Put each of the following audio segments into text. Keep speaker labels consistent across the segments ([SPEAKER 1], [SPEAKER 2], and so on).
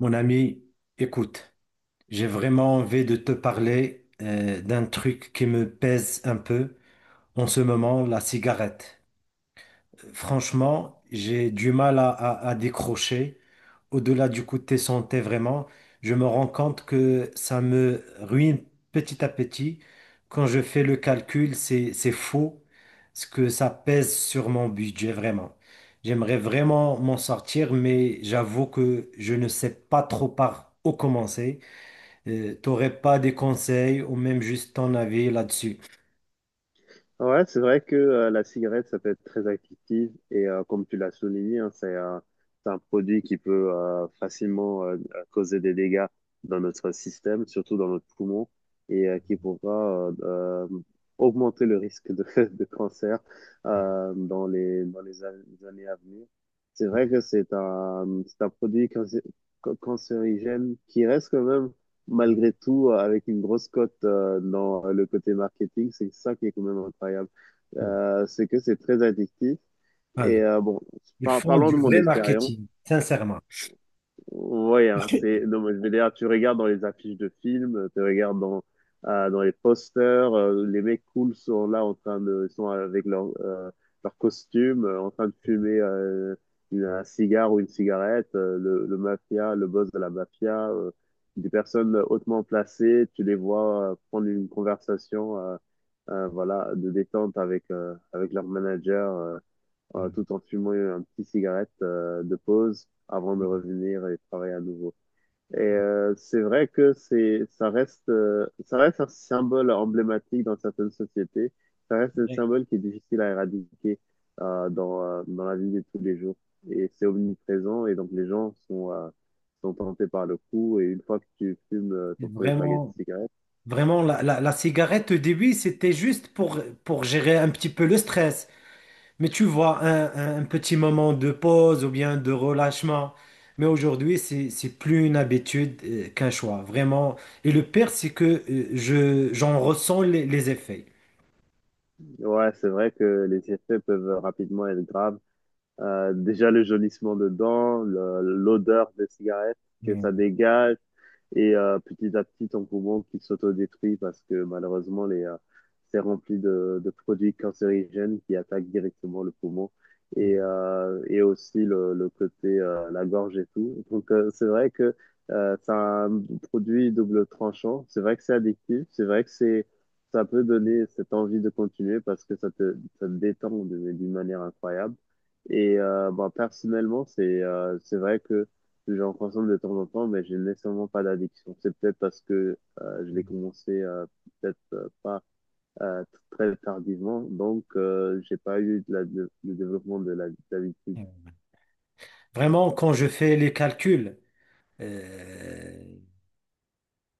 [SPEAKER 1] Mon ami, écoute, j'ai vraiment envie de te parler d'un truc qui me pèse un peu en ce moment, la cigarette. Franchement, j'ai du mal à décrocher. Au-delà du côté santé, vraiment, je me rends compte que ça me ruine petit à petit. Quand je fais le calcul, c'est faux ce que ça pèse sur mon budget, vraiment. J'aimerais vraiment m'en sortir, mais j'avoue que je ne sais pas trop par où commencer. T'aurais pas des conseils ou même juste ton avis là-dessus?
[SPEAKER 2] Ouais, c'est vrai que la cigarette, ça peut être très addictif et comme tu l'as souligné, hein, c'est un produit qui peut facilement causer des dégâts dans notre système, surtout dans notre poumon, et qui pourra augmenter le risque de cancer dans les, les années à venir. C'est vrai que c'est un produit cancérigène qui reste quand même malgré tout, avec une grosse cote dans le côté marketing, c'est ça qui est quand même incroyable. C'est que c'est très addictif.
[SPEAKER 1] Ah
[SPEAKER 2] Et
[SPEAKER 1] oui,
[SPEAKER 2] bon,
[SPEAKER 1] ils font
[SPEAKER 2] parlons de
[SPEAKER 1] du
[SPEAKER 2] mon
[SPEAKER 1] vrai
[SPEAKER 2] expérience.
[SPEAKER 1] marketing, sincèrement.
[SPEAKER 2] Ouais, hein, c'est, non, mais je veux dire, tu regardes dans les affiches de films, dans les posters, les mecs cool sont là en train de, ils sont avec leur costume, en train de fumer un cigare ou une cigarette, le mafia, le boss de la mafia, des personnes hautement placées, tu les vois prendre une conversation, voilà, de détente avec leur manager.
[SPEAKER 1] Euh,
[SPEAKER 2] Tout en fumant un petit cigarette de pause avant de
[SPEAKER 1] Oui.
[SPEAKER 2] revenir et travailler à nouveau. Et c'est vrai que ça reste un symbole emblématique dans certaines sociétés. Ça reste un
[SPEAKER 1] Ouais.
[SPEAKER 2] symbole qui est difficile à éradiquer dans la vie de tous les jours. Et c'est omniprésent et donc les gens sont, sont tentés par le coup. Et une fois que tu fumes ton premier paquet de
[SPEAKER 1] Vraiment,
[SPEAKER 2] cigarettes,
[SPEAKER 1] vraiment, la cigarette au début, c'était juste pour gérer un petit peu le stress. Mais tu vois, un petit moment de pause ou bien de relâchement. Mais aujourd'hui, c'est plus une habitude qu'un choix, vraiment. Et le pire, c'est que j'en ressens les effets.
[SPEAKER 2] ouais, c'est vrai que les effets peuvent rapidement être graves. Déjà le jaunissement dedans, l'odeur des cigarettes que ça
[SPEAKER 1] Mm,
[SPEAKER 2] dégage, et petit à petit, ton poumon qui s'autodétruit parce que malheureusement, c'est rempli de produits cancérigènes qui attaquent directement le poumon
[SPEAKER 1] mm,
[SPEAKER 2] et aussi le côté, la gorge et tout. Donc, c'est vrai que c'est un produit double tranchant. C'est vrai que c'est addictif. C'est vrai que ça peut donner cette envie de continuer parce que ça te détend d'une manière incroyable. Et bon, personnellement, c'est vrai que j'en consomme de temps en temps, mais j'ai nécessairement pas d'addiction. C'est peut-être parce que je l'ai
[SPEAKER 1] mm,
[SPEAKER 2] commencé peut-être pas très tardivement, donc j'ai pas eu le développement d'habitude.
[SPEAKER 1] mm. Vraiment, quand je fais les calculs, euh,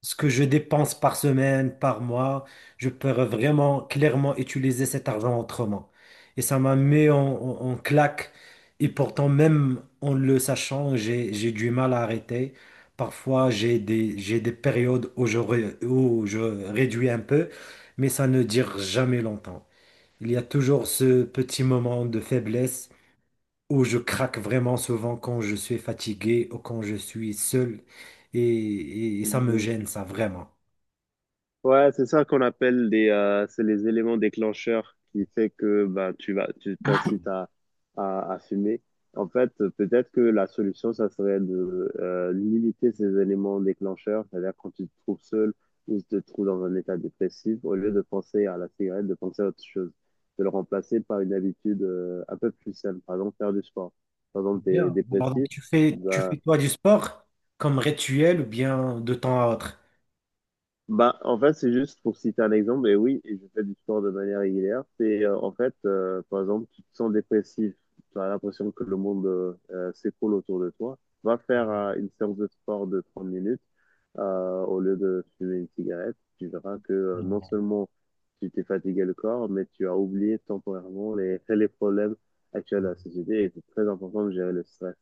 [SPEAKER 1] ce que je dépense par semaine, par mois, je peux vraiment clairement utiliser cet argent autrement. Et ça m'a mis en claque. Et pourtant, même en le sachant, j'ai du mal à arrêter. Parfois, j'ai des périodes où je réduis un peu, mais ça ne dure jamais longtemps. Il y a toujours ce petit moment de faiblesse où je craque vraiment souvent quand je suis fatigué ou quand je suis seul. Et ça me gêne, ça, vraiment.
[SPEAKER 2] Ouais, c'est ça qu'on appelle des, c'est les éléments déclencheurs qui fait que bah, tu t'incites à fumer. En fait, peut-être que la solution, ça serait de limiter ces éléments déclencheurs, c'est-à-dire quand tu te trouves seul ou tu te trouves dans un état dépressif, au lieu de penser à la cigarette, de penser à autre chose, de le remplacer par une habitude un peu plus saine, par exemple faire du sport. Par exemple, tu es
[SPEAKER 1] Bien. Alors, donc,
[SPEAKER 2] dépressif,
[SPEAKER 1] tu fais
[SPEAKER 2] bah.
[SPEAKER 1] toi du sport comme rituel ou bien de temps à autre?
[SPEAKER 2] Bah, en fait, c'est juste pour citer un exemple, et oui, et je fais du sport de manière régulière. C'est En fait, par exemple, tu te sens dépressif, tu as l'impression que le monde s'écroule autour de toi. Va faire une séance de sport de 30 minutes au lieu de fumer une cigarette. Tu verras que non
[SPEAKER 1] Non,
[SPEAKER 2] seulement tu t'es fatigué le corps, mais tu as oublié temporairement les, les problèmes actuels de
[SPEAKER 1] non.
[SPEAKER 2] la société. Et c'est très important de gérer le stress.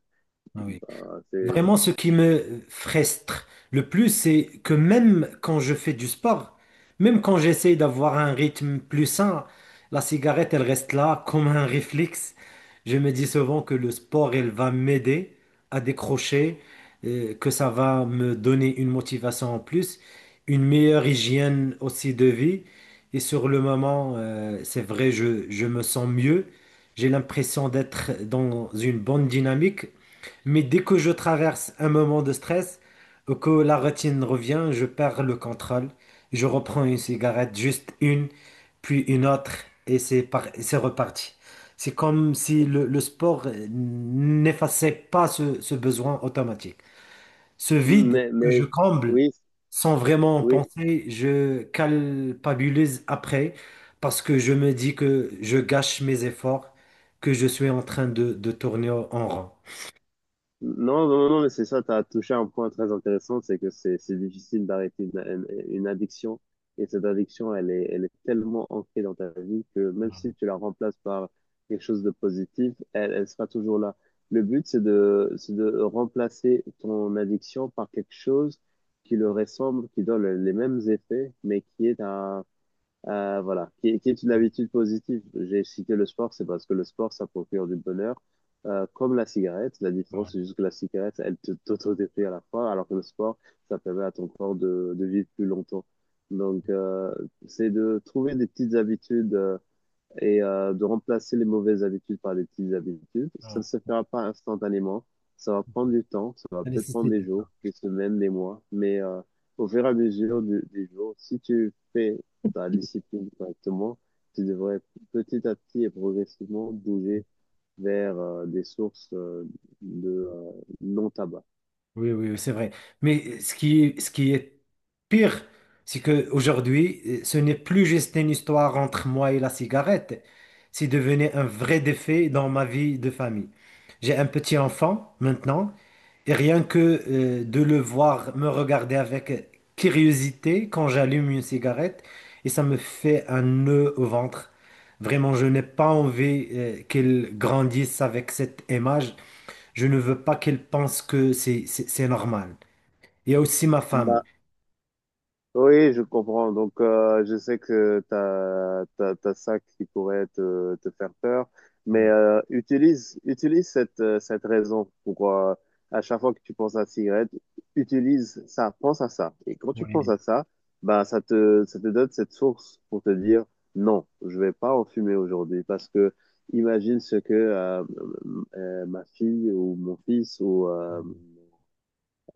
[SPEAKER 1] Ah oui.
[SPEAKER 2] Bah, c'est...
[SPEAKER 1] Vraiment, ce qui me frustre le plus, c'est que même quand je fais du sport, même quand j'essaie d'avoir un rythme plus sain, la cigarette, elle reste là comme un réflexe. Je me dis souvent que le sport, elle va m'aider à décrocher, que ça va me donner une motivation en plus, une meilleure hygiène aussi de vie. Et sur le moment, c'est vrai, je me sens mieux. J'ai l'impression d'être dans une bonne dynamique. Mais dès que je traverse un moment de stress, que la routine revient, je perds le contrôle. Je reprends une cigarette, juste une, puis une autre, et c'est reparti. C'est comme si le sport n'effaçait pas ce besoin automatique. Ce vide
[SPEAKER 2] Mais,
[SPEAKER 1] que
[SPEAKER 2] mais
[SPEAKER 1] je comble
[SPEAKER 2] oui,
[SPEAKER 1] sans vraiment en
[SPEAKER 2] oui.
[SPEAKER 1] penser, je culpabilise après parce que je me dis que je gâche mes efforts, que je suis en train de tourner en rond.
[SPEAKER 2] Non, non, non, mais c'est ça, tu as touché un point très intéressant, c'est que c'est difficile d'arrêter une addiction. Et cette addiction, elle est tellement ancrée dans ta vie que même si tu la remplaces par quelque chose de positif, elle sera toujours là. Le but, c'est de remplacer ton addiction par quelque chose qui le ressemble, qui donne les mêmes effets, mais voilà, qui est une habitude positive. J'ai cité le sport, c'est parce que le sport, ça procure du bonheur, comme la cigarette. La différence, c'est juste que la cigarette, elle te t'autodétruit à la fois, alors que le sport, ça permet à ton corps de vivre plus longtemps. Donc, c'est de trouver des petites habitudes, et de remplacer les mauvaises habitudes par des petites habitudes. Ça
[SPEAKER 1] Ouais.
[SPEAKER 2] ne se fera pas instantanément. Ça va prendre du temps. Ça va
[SPEAKER 1] Ça
[SPEAKER 2] peut-être prendre
[SPEAKER 1] nécessite
[SPEAKER 2] des
[SPEAKER 1] du
[SPEAKER 2] jours,
[SPEAKER 1] temps.
[SPEAKER 2] des semaines, des mois. Mais au fur et à mesure des jours, si tu fais ta discipline correctement, tu devrais petit à petit et progressivement bouger vers des sources de non-tabac.
[SPEAKER 1] Oui, oui, c'est vrai. Mais ce qui est pire, c'est qu'aujourd'hui, ce n'est plus juste une histoire entre moi et la cigarette. C'est devenu un vrai défi dans ma vie de famille. J'ai un petit enfant maintenant, et rien que de le voir me regarder avec curiosité quand j'allume une cigarette, et ça me fait un nœud au ventre. Vraiment, je n'ai pas envie qu'il grandisse avec cette image. Je ne veux pas qu'elle pense que c'est normal. Il y a aussi ma femme.
[SPEAKER 2] Bah, oui, je comprends. Donc, je sais que t'as ça qui pourrait te faire peur, mais
[SPEAKER 1] Mm.
[SPEAKER 2] utilise cette, cette raison pour, à chaque fois que tu penses à la cigarette, utilise ça, pense à ça. Et quand tu penses
[SPEAKER 1] Oui.
[SPEAKER 2] à ça, ben, ça te donne cette source pour te dire non, je vais pas en fumer aujourd'hui parce que imagine ce que ma fille ou mon fils ou
[SPEAKER 1] Mm.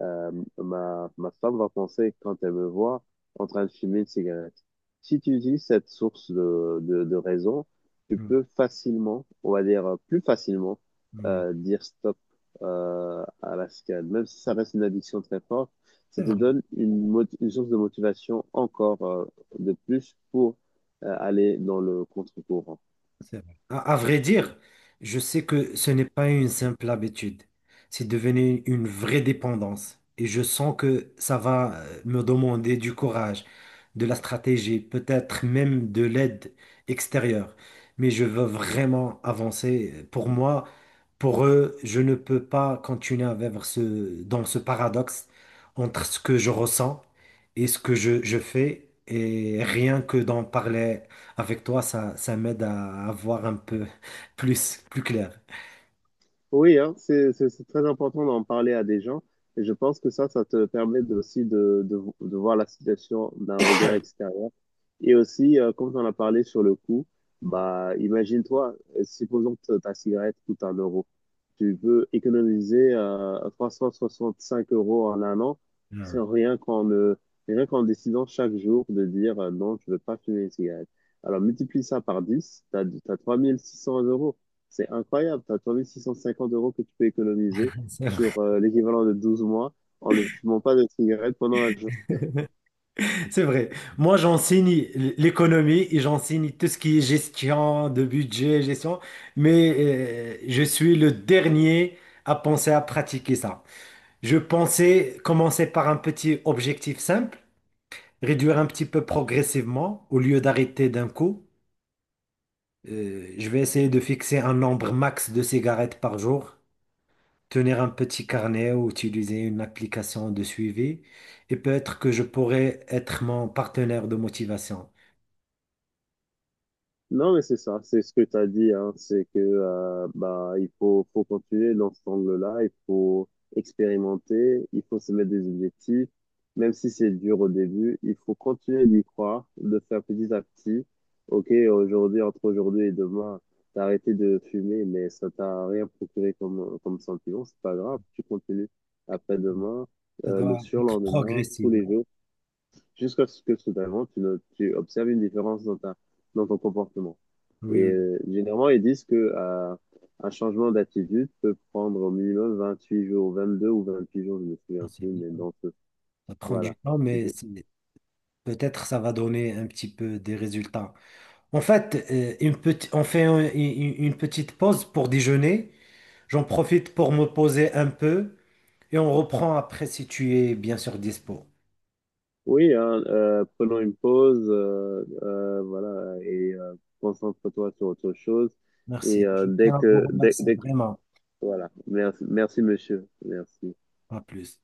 [SPEAKER 2] euh, ma, ma femme va penser, quand elle me voit, en train de fumer une cigarette. Si tu utilises cette source de raison, tu
[SPEAKER 1] Mm,
[SPEAKER 2] peux facilement, on va dire plus facilement,
[SPEAKER 1] oui.
[SPEAKER 2] dire stop à la cigarette. Même si ça reste une addiction très forte,
[SPEAKER 1] C'est
[SPEAKER 2] ça te
[SPEAKER 1] vrai.
[SPEAKER 2] donne une source de motivation encore de plus pour aller dans le contre-courant.
[SPEAKER 1] C'est vrai. À vrai dire, je sais que ce n'est pas une simple habitude. C'est devenu une vraie dépendance. Et je sens que ça va me demander du courage, de la stratégie, peut-être même de l'aide extérieure. Mais je veux vraiment avancer. Pour moi, pour eux, je ne peux pas continuer à vivre dans ce paradoxe entre ce que je ressens et ce que je fais. Et rien que d'en parler. Avec toi, ça m'aide à voir un peu plus clair.
[SPEAKER 2] Oui, hein, c'est très important d'en parler à des gens. Et je pense que ça te permet aussi de voir la situation d'un regard extérieur. Et aussi, comme on a parlé sur le coût, bah, imagine-toi, supposons que ta cigarette coûte un euro. Tu peux économiser 365 euros en un an,
[SPEAKER 1] Hmm.
[SPEAKER 2] c'est rien qu'en rien qu'en décidant chaque jour de dire non, je ne veux pas fumer une cigarette. Alors multiplie ça par 10, tu as 3600 euros. C'est incroyable. Tu as 3650 euros que tu peux économiser
[SPEAKER 1] C'est vrai.
[SPEAKER 2] sur l'équivalent de 12 mois en ne fumant pas de cigarette pendant un jour.
[SPEAKER 1] C'est vrai. Moi, j'enseigne l'économie et j'enseigne tout ce qui est gestion de budget, gestion, mais je suis le dernier à penser à pratiquer ça. Je pensais commencer par un petit objectif simple, réduire un petit peu progressivement au lieu d'arrêter d'un coup. Je vais essayer de fixer un nombre max de cigarettes par jour. Tenir un petit carnet ou utiliser une application de suivi. Et peut-être que je pourrais être mon partenaire de motivation.
[SPEAKER 2] Non, mais c'est ça, c'est ce que tu as dit, hein, c'est que bah il faut continuer dans cet angle-là, il faut expérimenter, il faut se mettre des objectifs, même si c'est dur au début, il faut continuer d'y croire, de faire petit à petit. Ok, aujourd'hui, entre aujourd'hui et demain, t'as arrêté de fumer, mais ça t'a rien procuré comme sentiment, c'est pas grave, tu continues après-demain,
[SPEAKER 1] Ça
[SPEAKER 2] le
[SPEAKER 1] doit être
[SPEAKER 2] surlendemain,
[SPEAKER 1] progressif,
[SPEAKER 2] tous
[SPEAKER 1] oui.
[SPEAKER 2] les jours, jusqu'à ce que soudainement tu, ne- tu observes une différence dans ta dans ton comportement.
[SPEAKER 1] Oui,
[SPEAKER 2] Et
[SPEAKER 1] oui.
[SPEAKER 2] généralement, ils disent que un changement d'attitude peut prendre au minimum 28 jours, 22 ou 28 jours, je me
[SPEAKER 1] Ah,
[SPEAKER 2] souviens
[SPEAKER 1] c'est
[SPEAKER 2] plus,
[SPEAKER 1] bien.
[SPEAKER 2] mais dans ce
[SPEAKER 1] Ça prend du
[SPEAKER 2] voilà.
[SPEAKER 1] temps,
[SPEAKER 2] C'est
[SPEAKER 1] mais
[SPEAKER 2] que...
[SPEAKER 1] peut-être ça va donner un petit peu des résultats. En fait, on fait une petite pause pour déjeuner. J'en profite pour me poser un peu et on reprend après si tu es bien sûr dispo.
[SPEAKER 2] Oui, hein, prenons une pause, voilà, et concentre-toi sur autre chose. Et
[SPEAKER 1] Merci. Je tiens à vous remercier
[SPEAKER 2] dès que,
[SPEAKER 1] vraiment.
[SPEAKER 2] voilà. Merci, merci, monsieur. Merci.
[SPEAKER 1] À plus.